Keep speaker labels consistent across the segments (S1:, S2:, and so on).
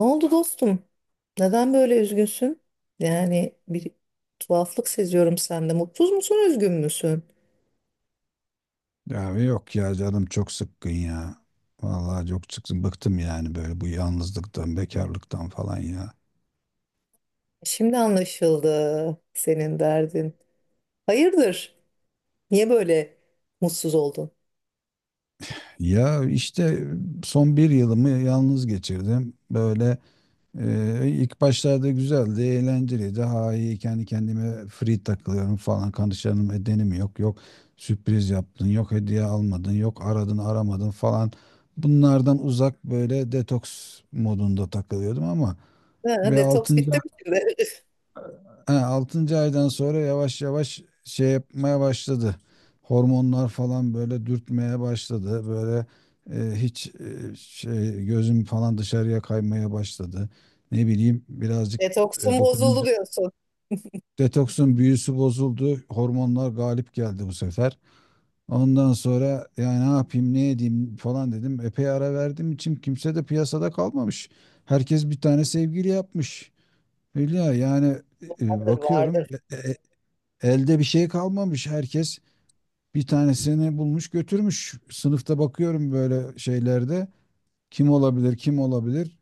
S1: Ne oldu dostum? Neden böyle üzgünsün? Yani bir tuhaflık seziyorum sende. Mutsuz musun, üzgün müsün?
S2: Ya yok ya canım çok sıkkın ya. Vallahi çok sıkkın. Bıktım yani böyle bu yalnızlıktan, bekarlıktan falan ya.
S1: Şimdi anlaşıldı senin derdin. Hayırdır? Niye böyle mutsuz oldun?
S2: Ya işte son bir yılımı yalnız geçirdim. Böyle ilk başlarda güzeldi, eğlenceliydi. Daha iyi kendi kendime free takılıyorum falan. Kanışlarım edenim yok. Yok sürpriz yaptın, yok hediye almadın, yok aradın aramadın falan. Bunlardan uzak böyle detoks modunda takılıyordum ama
S1: Ha,
S2: bir
S1: detoks
S2: 6.
S1: bitti mi şimdi?
S2: Ha, 6. aydan sonra yavaş yavaş şey yapmaya başladı. Hormonlar falan böyle dürtmeye başladı. Böyle hiç şey gözüm falan dışarıya kaymaya başladı. Ne bileyim birazcık
S1: Detoksun bozuldu
S2: dokuzuncu
S1: diyorsun.
S2: detoksun büyüsü bozuldu. Hormonlar galip geldi bu sefer. Ondan sonra yani ne yapayım ne edeyim falan dedim. Epey ara verdim için kimse de piyasada kalmamış. Herkes bir tane sevgili yapmış. Hülya, yani
S1: Vardır, vardır.
S2: bakıyorum, elde bir şey kalmamış. Herkes bir tanesini bulmuş götürmüş. Sınıfta bakıyorum böyle şeylerde. Kim olabilir, kim olabilir?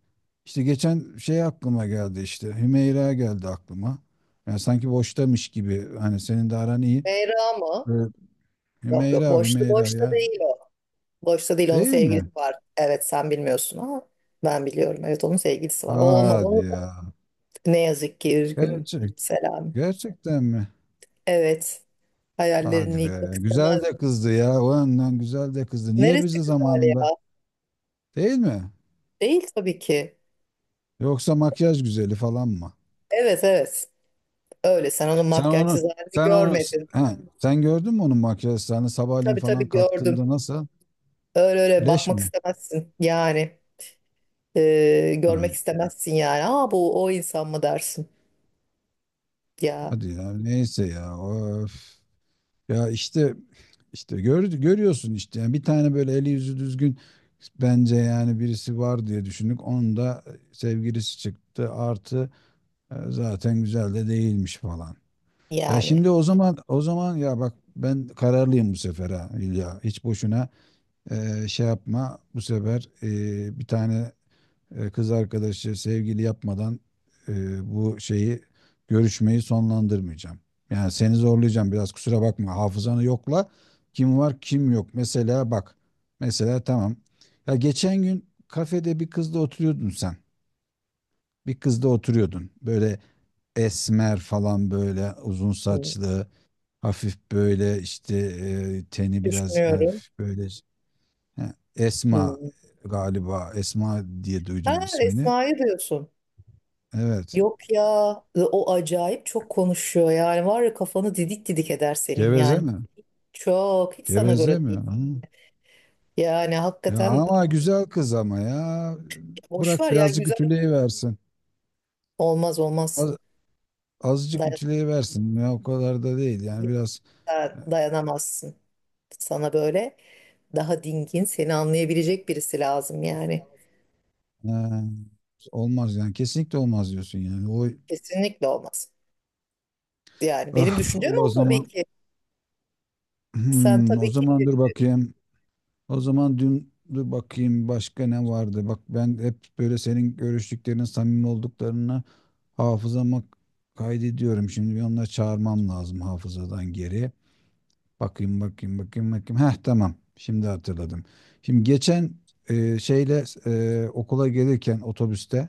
S2: İşte geçen şey aklıma geldi işte. Hümeyra geldi aklıma. Yani sanki boştamış gibi. Hani senin de aran iyi.
S1: Meyra mı?
S2: Evet.
S1: Yok yok,
S2: Hümeyra,
S1: boşta
S2: Hümeyra
S1: boşta
S2: ya.
S1: değil o. Boşta değil, onun
S2: Değil
S1: sevgilisi
S2: mi?
S1: var. Evet, sen bilmiyorsun ama ben biliyorum. Evet, onun sevgilisi var. O olmaz.
S2: Hadi
S1: Onu...
S2: ya.
S1: Ne yazık ki üzgünüm.
S2: Gerçek,
S1: Selam.
S2: gerçekten mi?
S1: Evet.
S2: Hadi
S1: Hayallerini yıkmak
S2: be. Güzel de
S1: istemezdim.
S2: kızdı ya. O yönden güzel de kızdı. Niye
S1: Neresi
S2: bizi
S1: güzel
S2: zamanında?
S1: ya?
S2: Değil mi?
S1: Değil tabii ki.
S2: Yoksa makyaj güzeli falan mı?
S1: Evet evet. Öyle sen onun
S2: Sen onu
S1: makyajsız halini
S2: sen onu
S1: görmedin.
S2: he, Sen gördün mü onun makyajlarını sabahleyin
S1: Tabii
S2: falan
S1: tabii gördüm.
S2: kalktığında nasıl?
S1: Öyle öyle
S2: Leş
S1: bakmak
S2: mi?
S1: istemezsin. Yani görmek
S2: Ay,
S1: istemezsin yani. Aa bu o insan mı dersin? Ya
S2: hadi ya neyse ya of. Ya işte gör, görüyorsun işte yani bir tane böyle eli yüzü düzgün bence yani birisi var diye düşündük. Onun da sevgilisi çıktı, artı zaten güzel de değilmiş falan. Ya
S1: yani
S2: şimdi o zaman o zaman ya bak, ben kararlıyım bu sefer ha İlya. Hiç boşuna şey yapma bu sefer, bir tane kız arkadaşı sevgili yapmadan e, bu şeyi görüşmeyi sonlandırmayacağım. Yani seni zorlayacağım biraz, kusura bakma, hafızanı yokla kim var kim yok. Mesela bak, tamam, ya geçen gün kafede bir kızla oturuyordun sen, bir kızla oturuyordun böyle esmer falan, böyle uzun
S1: hmm,
S2: saçlı, hafif böyle işte teni biraz
S1: düşünüyorum.
S2: hafif böyle. He, Esma,
S1: Hmm.
S2: galiba Esma diye
S1: Ha
S2: duydum ismini.
S1: Esma'yı diyorsun.
S2: Evet.
S1: Yok ya, o acayip çok konuşuyor yani, var ya, kafanı didik didik eder senin
S2: Geveze
S1: yani.
S2: mi?
S1: Çok hiç sana göre
S2: Geveze
S1: değil.
S2: mi? Hı.
S1: Yani
S2: Ya
S1: hakikaten
S2: ama güzel kız ama ya.
S1: boş,
S2: Bırak
S1: var ya
S2: birazcık
S1: güzel,
S2: ütüleyiversin.
S1: olmaz olmaz.
S2: Az, azıcık
S1: Dayan-
S2: ütüleyiversin. Ya o kadar da değil. Yani biraz
S1: Dayanamazsın. Sana böyle daha dingin, seni anlayabilecek birisi lazım yani.
S2: e, olmaz yani. Kesinlikle olmaz diyorsun yani. Oy,
S1: Kesinlikle olmaz. Yani benim
S2: ah,
S1: düşüncem
S2: Allah o
S1: o tabii
S2: zaman.
S1: ki. Sen
S2: Hmm, o
S1: tabii ki.
S2: zaman dur bakayım. O zaman dün dur bakayım, başka ne vardı? Bak, ben hep böyle senin görüştüklerinin samimi olduklarını hafızama kaydediyorum. Şimdi bir onları çağırmam lazım hafızadan geri. Bakayım bakayım bakayım bakayım. Heh, tamam. Şimdi hatırladım. Şimdi geçen şeyle, okula gelirken otobüste,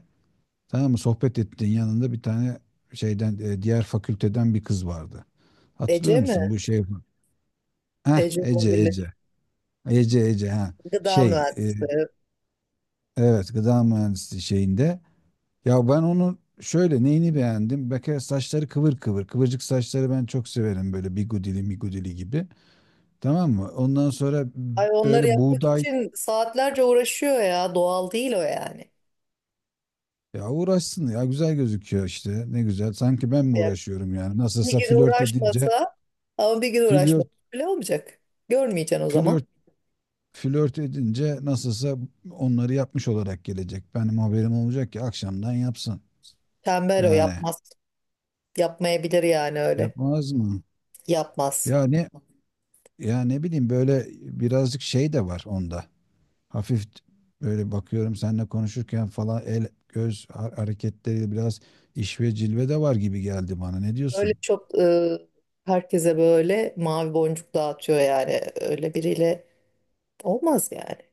S2: tamam mı, sohbet ettiğin yanında bir tane şeyden, diğer fakülteden bir kız vardı. Hatırlıyor
S1: Ece mi?
S2: musun bu şey? Heh,
S1: Ece
S2: Ece
S1: olabilir.
S2: Ece. Ece Ece ha.
S1: Gıda
S2: Şey
S1: mühendisi.
S2: evet, gıda mühendisliği şeyinde. Ya ben onu şöyle neyini beğendim? Bir kere saçları kıvır kıvır. Kıvırcık saçları ben çok severim, böyle bigudili migudili gibi. Tamam mı? Ondan sonra
S1: Ay, onları
S2: böyle
S1: yapmak
S2: buğday.
S1: için saatlerce uğraşıyor ya. Doğal değil o yani.
S2: Ya uğraşsın ya, güzel gözüküyor işte, ne güzel, sanki ben mi
S1: Ya
S2: uğraşıyorum yani,
S1: bir
S2: nasılsa
S1: gün
S2: flört edince
S1: uğraşmasa, ama bir gün uğraşmasa
S2: flört
S1: bile olmayacak. Görmeyeceksin o zaman.
S2: flört flört edince nasılsa onları yapmış olarak gelecek, benim haberim olacak ki akşamdan yapsın
S1: Tembel, o
S2: yani,
S1: yapmaz. Yapmayabilir yani öyle.
S2: yapmaz mı,
S1: Yapmaz.
S2: ya ne ya ne bileyim böyle, birazcık şey de var onda, hafif böyle bakıyorum seninle konuşurken falan el göz hareketleri biraz, iş ve cilve de var gibi geldi bana, ne
S1: Öyle
S2: diyorsun?
S1: çok herkese böyle mavi boncuk dağıtıyor yani. Öyle biriyle olmaz yani.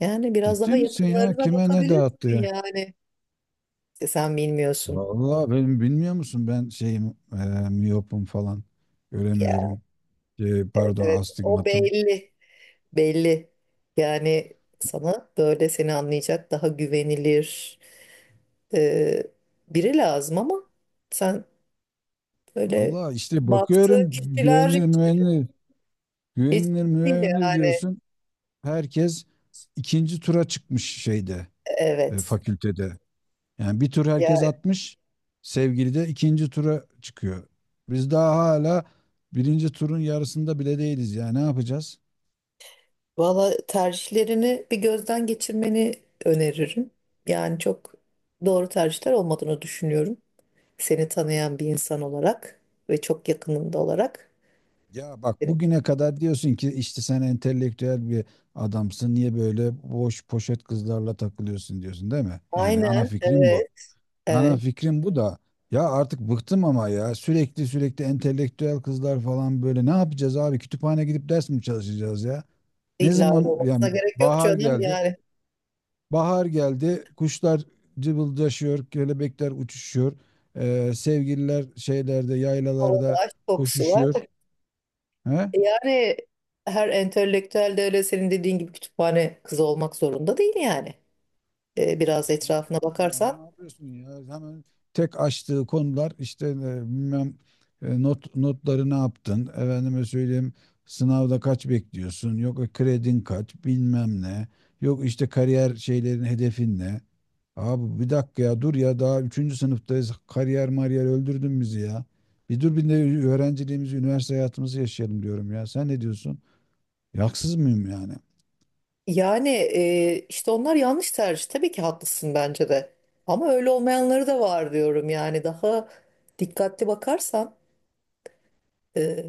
S1: Yani biraz daha
S2: Ciddi misin ya,
S1: yakınlarına
S2: kime ne
S1: bakabilirsin
S2: dağıttı?
S1: yani. İşte sen bilmiyorsun.
S2: Vallahi benim, bilmiyor musun, ben şeyim, miyopum falan,
S1: Ya
S2: göremiyorum.
S1: evet
S2: Pardon,
S1: evet, o
S2: astigmatım.
S1: belli. Belli. Yani sana böyle, seni anlayacak daha güvenilir e, biri lazım, ama sen böyle
S2: Allah işte
S1: baktığın
S2: bakıyorum,
S1: kişiler
S2: güvenilir
S1: hiç,
S2: güvenilir
S1: hiç
S2: güvenilir
S1: değil
S2: güvenilir
S1: yani.
S2: diyorsun. Herkes ikinci tura çıkmış şeyde,
S1: Evet.
S2: fakültede. Yani bir tur herkes atmış. Sevgili de ikinci tura çıkıyor. Biz daha hala birinci turun yarısında bile değiliz ya. Ne yapacağız?
S1: Valla tercihlerini bir gözden geçirmeni öneririm. Yani çok doğru tercihler olmadığını düşünüyorum. Seni tanıyan bir insan olarak ve çok yakınında olarak.
S2: Ya bak,
S1: Evet.
S2: bugüne kadar diyorsun ki işte, sen entelektüel bir adamsın. Niye böyle boş poşet kızlarla takılıyorsun diyorsun, değil mi? Yani ana
S1: Aynen,
S2: fikrim bu.
S1: evet,
S2: Ana
S1: evet.
S2: fikrim bu da, ya artık bıktım ama ya, sürekli sürekli entelektüel kızlar falan, böyle ne yapacağız abi? Kütüphane gidip ders mi çalışacağız ya? Ne
S1: İlla öyle
S2: zaman
S1: olmasına
S2: yani,
S1: gerek yok
S2: bahar
S1: canım.
S2: geldi.
S1: Yani
S2: Bahar geldi. Kuşlar cıvıldaşıyor, kelebekler uçuşuyor. Sevgililer şeylerde,
S1: havada
S2: yaylalarda
S1: aşk kokusu var.
S2: koşuşuyor. He?
S1: Yani her entelektüel de öyle senin dediğin gibi kütüphane kızı olmak zorunda değil yani.
S2: Ama
S1: Biraz
S2: ne
S1: etrafına
S2: yapayım ya,
S1: bakarsan
S2: ne yapıyorsun ya? Hemen tek açtığı konular işte bilmem, not notları ne yaptın? Efendime söyleyeyim, sınavda kaç bekliyorsun? Yok kredin kaç? Bilmem ne. Yok işte kariyer şeylerin, hedefin ne? Abi bir dakika ya, dur ya, daha üçüncü sınıftayız. Kariyer mariyer, öldürdün bizi ya. Bir dur, bir de öğrenciliğimizi, üniversite hayatımızı yaşayalım diyorum ya. Sen ne diyorsun? Yaksız mıyım yani?
S1: yani, işte onlar yanlış tercih. Tabii ki haklısın bence de. Ama öyle olmayanları da var diyorum yani. Daha dikkatli bakarsan e,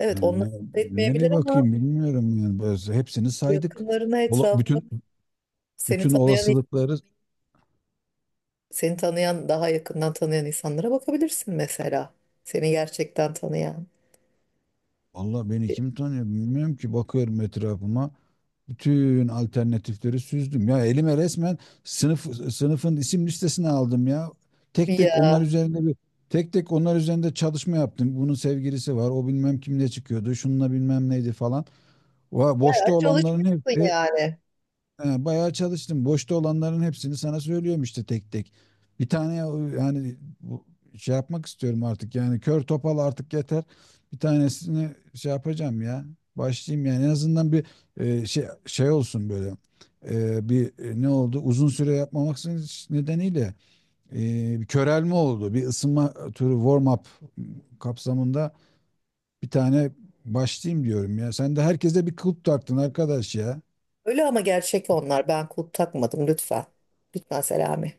S1: evet, onlar
S2: Yani
S1: etmeyebilir
S2: nereye
S1: ama
S2: bakayım bilmiyorum yani. Biz hepsini saydık.
S1: yakınlarına,
S2: Ola-
S1: etrafına,
S2: bütün
S1: seni
S2: Bütün
S1: tanıyan.
S2: olasılıkları.
S1: Seni tanıyan, daha yakından tanıyan insanlara bakabilirsin mesela. Seni gerçekten tanıyan.
S2: Allah beni
S1: E,
S2: kim tanıyor bilmiyorum ki, bakıyorum etrafıma. Bütün alternatifleri süzdüm. Ya elime resmen sınıfın isim listesini aldım ya. Tek tek
S1: Ya
S2: onlar üzerinde bir Tek tek onlar üzerinde çalışma yaptım. Bunun sevgilisi var. O bilmem kimle çıkıyordu. Şununla bilmem neydi falan. Boşta
S1: bayağı
S2: olanların
S1: çalışmışsın
S2: hepsi.
S1: yani.
S2: Ha, bayağı çalıştım. Boşta olanların hepsini sana söylüyorum işte tek tek. Bir tane yani, bu- şey yapmak istiyorum artık. Yani kör topal, artık yeter. Bir tanesini şey yapacağım ya. Başlayayım yani en azından, bir şey olsun böyle. Bir ne oldu? Uzun süre yapmamak nedeniyle e, bir körelme oldu. Bir ısınma turu, warm up kapsamında bir tane başlayayım diyorum ya. Sen de herkese bir kulp taktın arkadaş ya.
S1: Öyle ama gerçek onlar. Ben kulp takmadım lütfen. Lütfen Selami.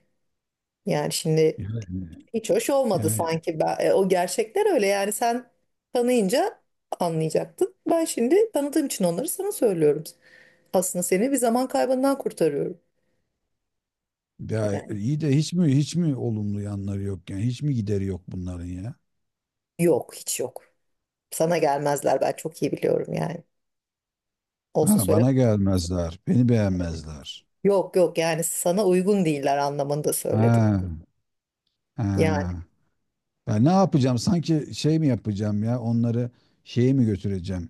S1: Yani şimdi
S2: Yani,
S1: hiç hoş olmadı
S2: yani
S1: sanki. Ben, o gerçekler öyle yani, sen tanıyınca anlayacaktın. Ben şimdi tanıdığım için onları sana söylüyorum. Aslında seni bir zaman kaybından kurtarıyorum.
S2: Ya
S1: Yani
S2: iyi de, hiç mi hiç mi olumlu yanları yok, yani hiç mi gideri yok bunların ya?
S1: yok, hiç yok. Sana gelmezler, ben çok iyi biliyorum yani. Olsa.
S2: Ha, bana gelmezler, beni beğenmezler.
S1: Yok yok, yani sana uygun değiller anlamında söyledim.
S2: Ha,
S1: Yani.
S2: ha. Ben ne yapacağım? Sanki şey mi yapacağım ya? Onları şeye mi götüreceğim?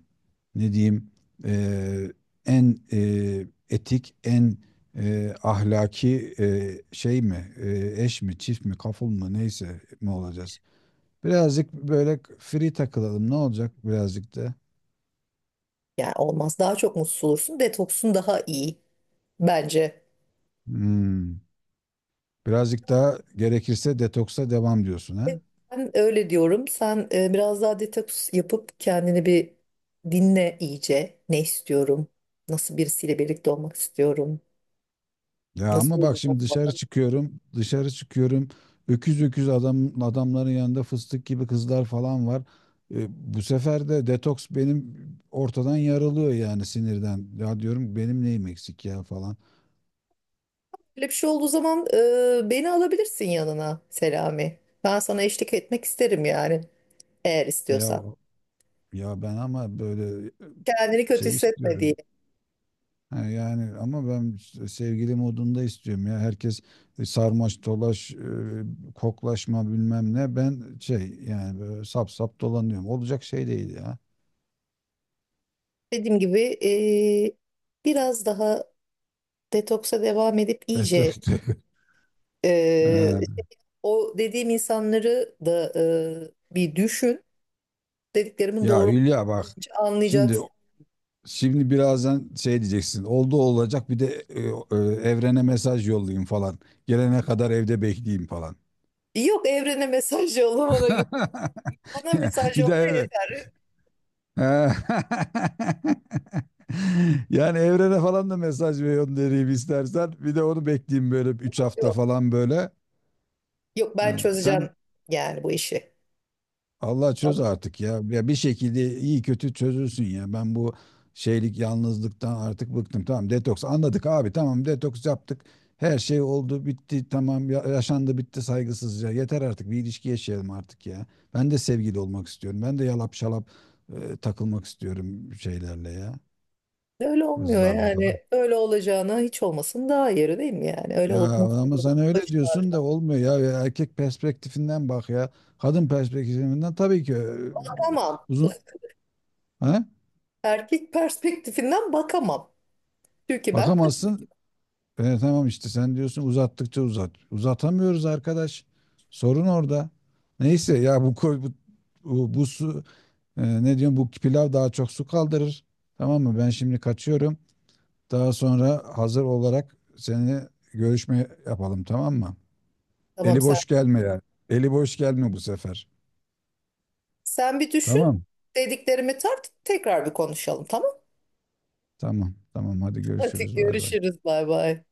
S2: Ne diyeyim? Ee, En etik, en ahlaki şey mi? Eş mi, çift mi, kaful mu, neyse mi olacağız? Birazcık böyle free takılalım. Ne olacak birazcık da?
S1: Yani olmaz. Daha çok mutsuz olursun. Detoksun daha iyi bence.
S2: Hmm. Birazcık daha gerekirse detoksa devam diyorsun ha.
S1: E, Ben öyle diyorum. Sen biraz daha detoks yapıp kendini bir dinle iyice. Ne istiyorum? Nasıl birisiyle birlikte olmak istiyorum?
S2: Ya
S1: Nasıl
S2: ama
S1: bir
S2: bak,
S1: insan
S2: şimdi
S1: olmalı?
S2: dışarı çıkıyorum. Öküz öküz adam adamların yanında fıstık gibi kızlar falan var. E, Bu sefer de detoks benim ortadan yarılıyor yani, sinirden. Ya diyorum, benim neyim eksik ya falan.
S1: Böyle bir şey olduğu zaman beni alabilirsin yanına Selami. Ben sana eşlik etmek isterim yani, eğer
S2: Ya
S1: istiyorsan.
S2: ben ama böyle
S1: Kendini kötü
S2: şey
S1: hissetme diye.
S2: istiyorum. Ha, yani ama ben sevgili modunda istiyorum ya. Herkes sarmaş dolaş, koklaşma bilmem ne. Ben şey yani, böyle sap sap dolanıyorum. Olacak şey değil ya.
S1: Dediğim gibi biraz daha detoksa devam edip
S2: Evet,
S1: iyice
S2: evet.
S1: eee,
S2: Ee,
S1: o dediğim insanları da bir düşün. Dediklerimin
S2: Ya
S1: doğru
S2: Hülya bak,
S1: olduğunu
S2: şimdi
S1: anlayacaksın.
S2: şimdi birazdan şey diyeceksin. Oldu olacak, bir de e, evrene mesaj yollayayım falan. Gelene kadar evde bekleyeyim falan.
S1: Yok, evrene mesaj yolla bana. Bana mesaj
S2: Bir de
S1: yolla yeter.
S2: ha. Yani evrene falan da mesaj ve göndereyim istersen. Bir de onu bekleyeyim böyle 3
S1: Yok,
S2: hafta
S1: yok.
S2: falan böyle.
S1: Yok, ben
S2: Ha,
S1: çözeceğim
S2: sen.
S1: yani bu işi.
S2: Allah çöz
S1: Tamam.
S2: artık ya. Ya bir şekilde iyi kötü çözülsün ya. Ben bu şeylik yalnızlıktan artık bıktım. Tamam, detoks anladık abi. Tamam, detoks yaptık. Her şey oldu bitti tamam, yaşandı bitti saygısızca. Yeter artık, bir ilişki yaşayalım artık ya. Ben de sevgili olmak istiyorum. Ben de yalap şalap takılmak istiyorum şeylerle ya.
S1: Öyle olmuyor
S2: Kızlarla falan.
S1: yani. Öyle olacağına hiç olmasın daha iyi değil mi yani? Öyle
S2: Ya
S1: olup mutsuz
S2: ama
S1: olup
S2: sen öyle
S1: başını
S2: diyorsun da
S1: ağrıdan.
S2: olmuyor ya. Ya, erkek perspektifinden bak ya. Kadın perspektifinden tabii ki,
S1: Bakamam.
S2: uzun, ha?
S1: Erkek perspektifinden bakamam. Çünkü ben kadın.
S2: Bakamazsın. Tamam işte, sen diyorsun uzattıkça uzat. Uzatamıyoruz arkadaş. Sorun orada. Neyse ya, bu su, ne diyorum, bu pilav daha çok su kaldırır. Tamam mı? Ben şimdi kaçıyorum. Daha sonra hazır olarak seninle görüşme yapalım, tamam mı?
S1: Tamam,
S2: Eli
S1: sen
S2: boş gelme yani. Eli boş gelme bu sefer.
S1: Sen bir düşün.
S2: Tamam.
S1: Dediklerimi tart, tekrar bir konuşalım, tamam?
S2: Tamam. Tamam. Hadi
S1: Hadi
S2: görüşürüz. Bay bay.
S1: görüşürüz, bay bay.